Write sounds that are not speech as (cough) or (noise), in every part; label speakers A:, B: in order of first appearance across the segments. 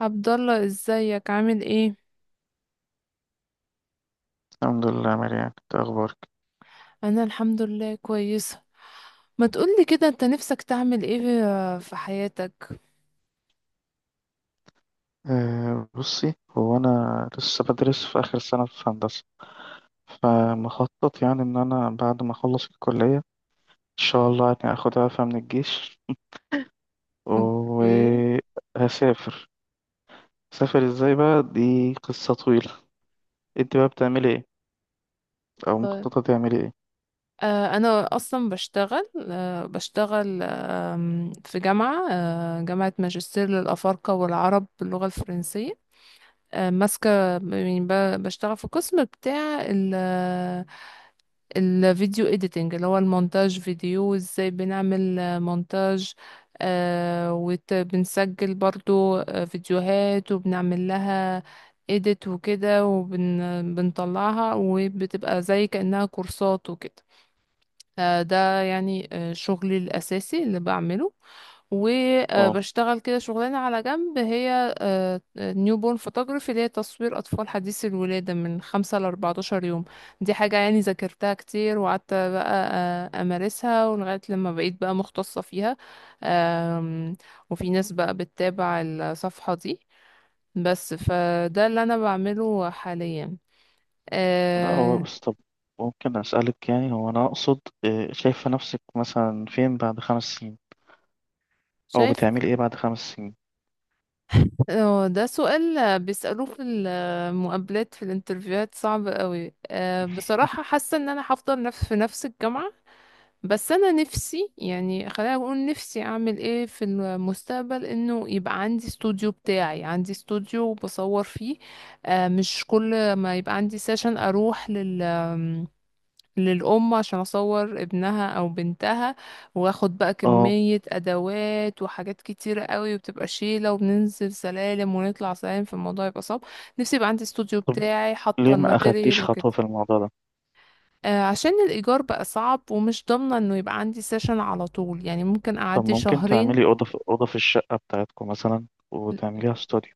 A: عبد الله، ازيك؟ عامل ايه؟
B: الحمد لله، مريان. انت اخبارك؟
A: انا الحمد لله كويسه. ما تقولي كده، انت نفسك تعمل ايه في حياتك؟
B: بصي، هو انا لسه بدرس في اخر سنه في هندسه. فمخطط يعني ان انا بعد ما اخلص الكليه ان شاء الله يعني اخد عفه من الجيش
A: اوكي.
B: وهسافر. سافر ازاي بقى؟ دي قصه طويله. انت بقى بتعملي ايه او
A: طيب.
B: مخططه تعملي ايه؟
A: انا اصلا بشتغل، بشتغل في جامعه، جامعه ماجستير للافارقه والعرب باللغه الفرنسيه. ماسكه يعني، بشتغل في القسم بتاع الفيديو اديتنج، اللي هو المونتاج فيديو، وازاي بنعمل مونتاج. آه وبنسجل برضو فيديوهات وبنعمل لها اديت وكده، وبنطلعها وبتبقى زي كأنها كورسات وكده. ده يعني شغلي الأساسي اللي بعمله.
B: اه
A: وبشتغل كده شغلانة على جنب، هي نيو بورن فوتوغرافي، اللي هي تصوير أطفال حديثي الولادة من خمسة لأربعتاشر يوم. دي حاجة يعني ذاكرتها كتير، وقعدت بقى أمارسها ولغاية لما بقيت بقى مختصة فيها. آم، وفي ناس بقى بتتابع الصفحة دي. بس فده اللي أنا بعمله حاليا.
B: لا، هو
A: آه،
B: بس طب ممكن اسالك؟ يعني هو انا اقصد، شايفه نفسك مثلا فين بعد خمس سنين او
A: شايف.
B: بتعملي ايه بعد خمس سنين؟
A: اه، ده سؤال بيسألوه في المقابلات، في الانترفيوهات، صعب قوي. بصراحة حاسة ان انا هفضل في نفس الجامعة. بس انا نفسي يعني، خلينا اقول نفسي اعمل ايه في المستقبل، انه يبقى عندي استوديو بتاعي، عندي استوديو بصور فيه. أه، مش كل ما يبقى عندي سيشن اروح للأم عشان أصور ابنها أو بنتها، وآخد بقى
B: اه،
A: كمية أدوات وحاجات كتيرة قوي، وبتبقى شيلة، وبننزل سلالم ونطلع سلالم، فالموضوع يبقى صعب. نفسي يبقى عندي استوديو بتاعي، حاطة
B: ليه ما
A: الماتيريال
B: أخدتيش
A: وكده.
B: خطوة في الموضوع ده؟
A: عشان الإيجار بقى صعب، ومش ضامنة إنه يبقى عندي سيشن على طول، يعني ممكن
B: طب
A: أعدي
B: ممكن
A: شهرين.
B: تعملي أوضة في أوضة في الشقة بتاعتكم مثلا وتعمليها استوديو؟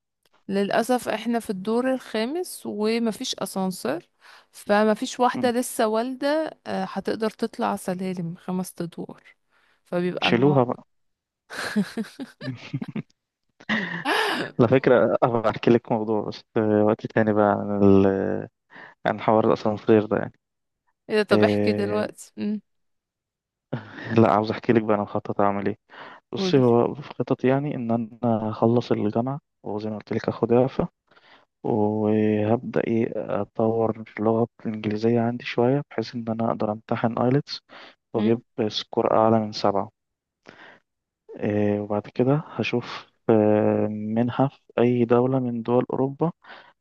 A: للأسف احنا في الدور الخامس ومفيش أسانسير، فمفيش واحدة
B: مم.
A: لسه والدة هتقدر تطلع سلالم خمس أدوار. فبيبقى
B: شيلوها
A: الموضوع.
B: بقى. على فكرة أبقى أحكي لك موضوع، بس وقت تاني بقى، عن عن حوار الأسانسير ده يعني.
A: ايه ده؟ طب احكي
B: إيه...
A: دلوقتي.
B: لا، عاوز أحكي لك بقى أنا مخطط أعمل إيه. بصي،
A: قولي.
B: هو في خطط يعني إن أنا أخلص الجامعة، وزي ما قلت لك أخد إعفاء، وهبدأ أطور اللغة الإنجليزية عندي شوية بحيث إن أنا أقدر أمتحن آيلتس وأجيب
A: امم.
B: سكور أعلى من سبعة. وبعد كده هشوف منحة في أي دولة من دول أوروبا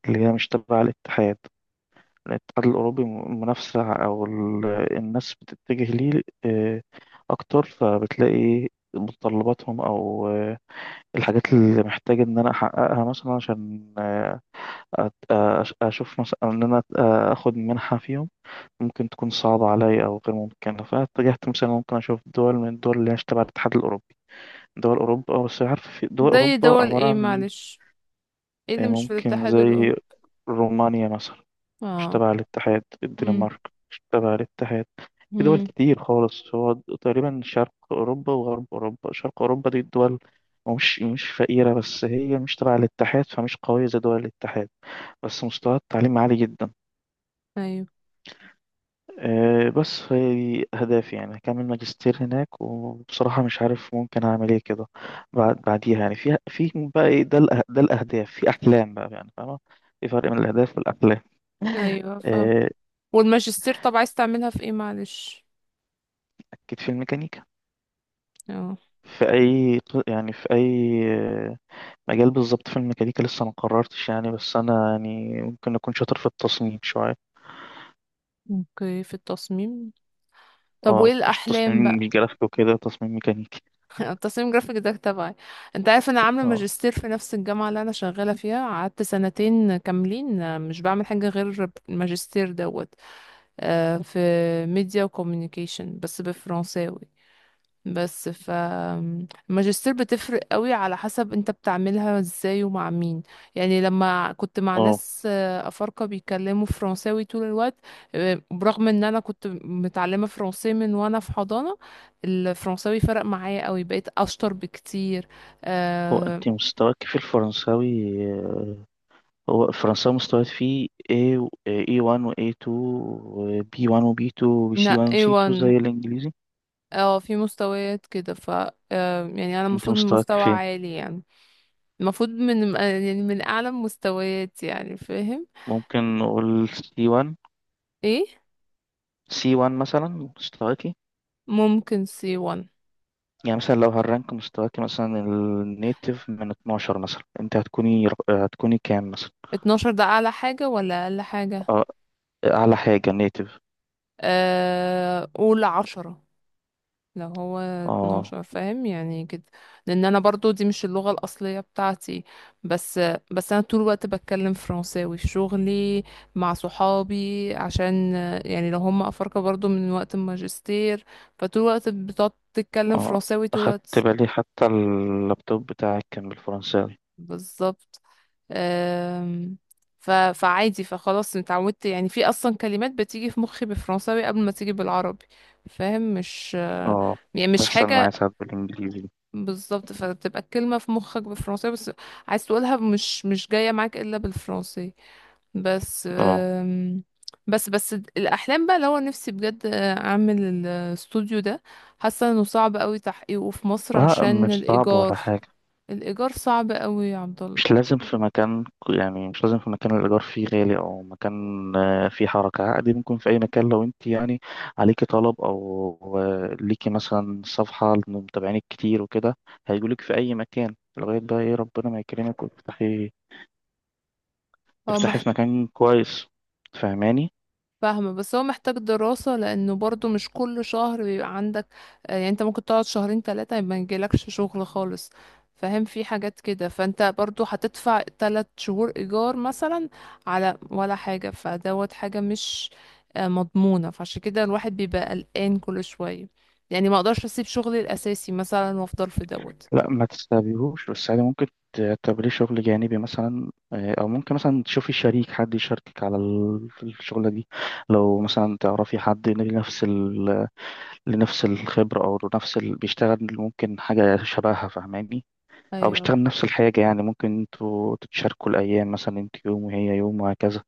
B: اللي هي مش تبع الاتحاد، الأوروبي. منافسة، أو الناس بتتجه ليه أكتر، فبتلاقي متطلباتهم أو الحاجات اللي محتاج إن أنا أحققها مثلا عشان أشوف مثلا إن أنا أخد منحة فيهم ممكن تكون صعبة عليا أو غير ممكنة. فاتجهت مثلا ممكن أشوف دول من الدول اللي هي مش تبع الاتحاد الأوروبي. دول أوروبا بس. عارف في دول
A: زي
B: أوروبا
A: دول
B: عبارة
A: ايه؟
B: عن،
A: معلش، ايه اللي مش في
B: ممكن
A: الاتحاد
B: زي
A: الاوروبي؟
B: رومانيا مثلا، مش
A: اه.
B: تبع الاتحاد.
A: امم.
B: الدنمارك مش تبع الاتحاد. في دول
A: امم.
B: كتير خالص. هو تقريبا شرق أوروبا وغرب أوروبا. شرق أوروبا دي الدول مش فقيرة، بس هي مش تبع الاتحاد فمش قوية زي دول الاتحاد، بس مستوى التعليم عالي جدا.
A: ايوه.
B: بس هي دي أهدافي. يعني هكمل ماجستير هناك، وبصراحة مش عارف ممكن أعمل إيه كده بعديها. يعني في بقى إيه ده؟ ده الأهداف، في أحلام بقى يعني. فاهمة؟ في فرق بين الأهداف والأحلام.
A: ايوه، فاهم.
B: آه،
A: والماجستير طب عايز تعملها في ايه؟ معلش.
B: أكيد في الميكانيكا.
A: اه.
B: في أي يعني في أي مجال بالظبط في الميكانيكا لسه ما قررتش يعني، بس أنا يعني ممكن أكون شاطر في التصميم شوية.
A: اوكي، في التصميم. طب وايه
B: اه مش
A: الاحلام
B: تصميم، مش
A: بقى؟
B: جرافيك وكده، تصميم ميكانيكي.
A: (laughs) التصميم جرافيك ده تبعي. انت عارف، انا عامله
B: اه،
A: ماجستير في نفس الجامعه اللي انا شغاله فيها، قعدت سنتين كاملين مش بعمل حاجه غير الماجستير دوت. في ميديا وكوميونيكيشن، بس بالفرنساوي. بس الماجستير بتفرق قوي على حسب انت بتعملها ازاي ومع مين. يعني لما كنت مع
B: اه،
A: ناس افارقة بيتكلموا فرنساوي طول الوقت، برغم ان انا كنت متعلمة فرنسي من وانا في حضانة، الفرنساوي فرق معايا قوي، بقيت اشطر بكتير.
B: هو
A: آه،
B: أنت مستواك في الفرنساوي؟ هو فرنساوي مستويات فيه A و A1 و A2 و B1 و B2 و
A: لا،
B: C1 و C2
A: A1.
B: زي الإنجليزي.
A: اه، في مستويات كده، ف يعني انا
B: أنت
A: المفروض من
B: مستواك
A: مستوى
B: فين؟
A: عالي يعني. المفروض من يعني من اعلى مستويات، يعني فاهم.
B: ممكن نقول C1،
A: ايه.
B: C1 مثلا مستواكي.
A: ممكن سي 1.
B: يعني مثلا لو هالرانك مستواكي مثلا النيتف من 12 مثلا أنت هتكوني كام مثلا؟
A: 12 ده اعلى حاجة ولا اقل حاجة؟
B: أه، أعلى حاجة نيتف.
A: قول 10. لو هو
B: أه،
A: 12، فاهم يعني كده. لان انا برضو دي مش اللغة الاصلية بتاعتي. بس، انا طول الوقت بتكلم فرنساوي في شغلي، مع صحابي، عشان يعني لو هم افارقة برضو من وقت الماجستير، فطول الوقت بتقعد تتكلم
B: أه،
A: فرنساوي طول
B: أخدت
A: الوقت.
B: بالي حتى اللابتوب بتاعك كان بالفرنساوي.
A: بالظبط. أم، فعادي. فخلاص اتعودت. يعني في اصلا كلمات بتيجي في مخي بالفرنساوي قبل ما تيجي بالعربي. فاهم؟ مش
B: أه،
A: يعني مش
B: تحصل معايا
A: حاجة.
B: ساعات بالإنجليزي.
A: بالظبط، فبتبقى الكلمة في مخك بالفرنساوي، بس عايز تقولها، مش جاية معاك الا بالفرنسي. بس
B: أه،
A: بس الاحلام بقى، اللي هو نفسي بجد اعمل الاستوديو ده. حاسه انه صعب قوي تحقيقه في مصر
B: لا
A: عشان
B: مش صعب ولا
A: الايجار.
B: حاجة.
A: الايجار صعب قوي يا عبد
B: مش
A: الله.
B: لازم في مكان، يعني مش لازم في مكان الإيجار فيه غالي، أو مكان فيه حركة. عادي ممكن في أي مكان لو أنت يعني عليكي طلب أو ليكي مثلا صفحة لمتابعينك كتير وكده هيجولك في أي مكان، لغاية بقى إيه ربنا ما يكرمك وتفتحي،
A: اه.
B: في مكان كويس. فاهماني؟
A: فاهمة، بس هو محتاج دراسة، لأنه برضو مش كل شهر بيبقى عندك يعني. انت ممكن تقعد شهرين تلاتة ما يجيلكش شغل خالص، فاهم؟ في حاجات كده، فانت برضو هتدفع تلات شهور إيجار مثلا على ولا حاجة. فدوت حاجة مش مضمونة، فعشان كده الواحد بيبقى قلقان كل شوية. يعني ما اقدرش اسيب شغلي الأساسي مثلا وافضل في دوت.
B: لا ما تستبيهوش، بس عادي ممكن تعتبريه شغل جانبي مثلا، أو ممكن مثلا تشوفي شريك، حد يشاركك على في الشغلة دي. لو مثلا تعرفي حد لنفس الخبرة، أو لنفس بيشتغل ممكن حاجة شبهها. فاهماني؟ أو
A: ايوه.
B: بيشتغل نفس الحاجة. يعني ممكن انتوا تتشاركوا الأيام مثلا، انت يوم وهي يوم وهكذا.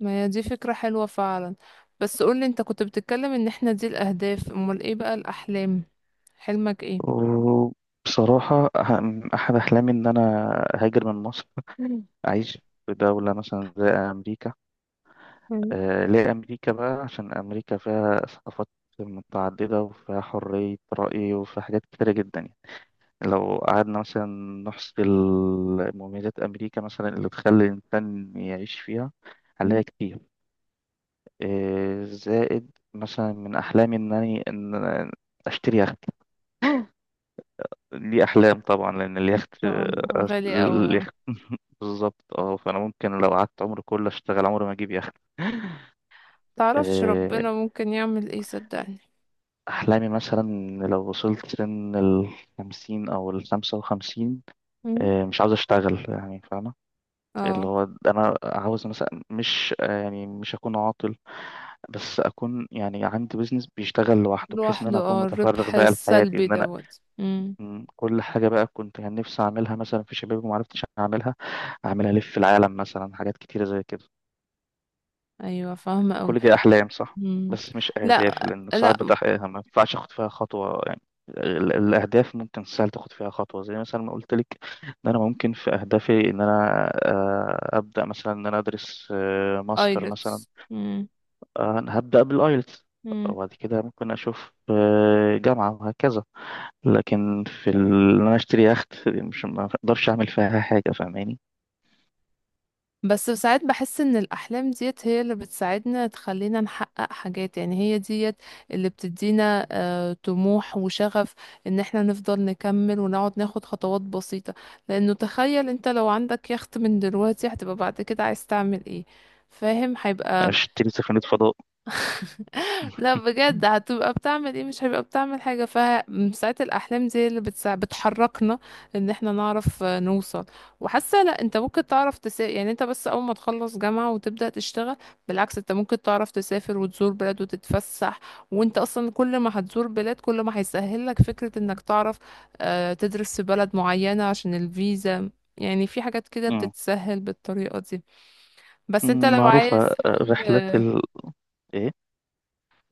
A: ما هي دي فكرة حلوة فعلا. بس قولي، انت كنت بتتكلم ان احنا دي الأهداف، امال ايه بقى الأحلام؟ حلمك ايه؟
B: وبصراحة أحد أحلامي إن أنا أهاجر من مصر (laughs) أعيش في دولة مثلا زي أمريكا.
A: مم.
B: آه، ليه أمريكا بقى؟ عشان أمريكا فيها ثقافات متعددة، وفيها حرية رأي، وفيها حاجات كتيرة جدا. لو قعدنا مثلا نحصي مميزات أمريكا مثلا اللي تخلي الإنسان يعيش فيها
A: مم. ان
B: هنلاقي كتير. إيه، زائد مثلا من أحلامي إن أنا أشتري يخت. دي أحلام طبعا لأن اليخت،
A: شاء الله. غالي قوي اه.
B: اليخت (laughs) بالظبط اه. فأنا ممكن لو قعدت عمري كله أشتغل عمري ما أجيب يخت.
A: متعرفش
B: إيه،
A: ربنا ممكن يعمل ايه، صدقني.
B: أحلامي مثلا إن لو وصلت سن الخمسين أو الخمسة وخمسين.
A: مم.
B: إيه، مش عاوز أشتغل يعني. فاهمة؟ اللي
A: اه،
B: هو انا عاوز مثلا مش، يعني مش اكون عاطل، بس اكون يعني عندي بيزنس بيشتغل لوحده بحيث ان
A: لوحده.
B: انا اكون
A: اه،
B: متفرغ
A: الربح
B: بقى لحياتي،
A: السلبي
B: ان انا
A: دوت. مم.
B: كل حاجه بقى كنت كان نفسي اعملها مثلا في شبابي وما عرفتش اعملها، اعملها الف العالم مثلا، حاجات كتيره زي كده.
A: ايوه، فاهمه قوي.
B: كل دي أحلام صح؟
A: مم.
B: بس مش أهداف،
A: لا
B: لأن ساعات
A: لا.
B: بتحققها ما ينفعش أخد فيها خطوة يعني. الأهداف ممكن سهل تاخد فيها خطوة، زي مثلا ما قلت لك إن أنا ممكن في أهدافي إن أنا أبدأ مثلا إن أنا أدرس ماستر مثلا.
A: ايلتس.
B: أنا هبدأ بالآيلتس، وبعد كده ممكن أشوف جامعة وهكذا. لكن في إن أنا أشتري يخت دي، مش، ما أقدرش أعمل فيها حاجة. فاهماني؟
A: بس ساعات بحس ان الاحلام ديت هي اللي بتساعدنا، تخلينا نحقق حاجات. يعني هي ديت اللي بتدينا طموح وشغف، ان احنا نفضل نكمل ونقعد ناخد خطوات بسيطة. لانه تخيل انت لو عندك يخت من دلوقتي، هتبقى بعد كده عايز تعمل ايه؟ فاهم؟ هيبقى.
B: أشتري سفينة فضاء
A: لا
B: (laughs)
A: بجد، هتبقى بتعمل ايه؟ مش هيبقى بتعمل حاجة. فساعات الأحلام دي اللي بتحركنا، ان احنا نعرف نوصل. وحاسة لا، انت ممكن تعرف تسافر، يعني انت بس أول ما تخلص جامعة وتبدأ تشتغل، بالعكس انت ممكن تعرف تسافر وتزور بلاد وتتفسح. وانت أصلا كل ما هتزور بلاد كل ما هيسهل لك فكرة انك تعرف تدرس في بلد معينة عشان الفيزا. يعني في حاجات كده
B: مم.
A: بتتسهل بالطريقة دي. بس انت لو
B: معروفة
A: عايز،
B: رحلة ال إيه.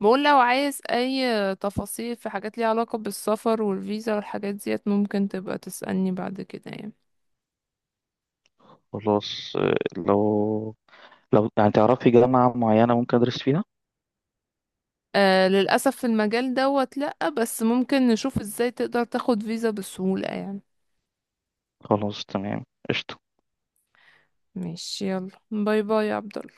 A: بقول لو عايز اي تفاصيل في حاجات ليها علاقة بالسفر والفيزا والحاجات ديت، ممكن تبقى تسألني بعد كده يعني.
B: خلاص، لو، يعني تعرفي جامعة معينة ممكن أدرس فيها.
A: آه، للأسف في المجال دوت لأ، بس ممكن نشوف ازاي تقدر تاخد فيزا بسهولة يعني.
B: خلاص، تمام، قشطة.
A: ماشي، يلا، باي باي يا عبد.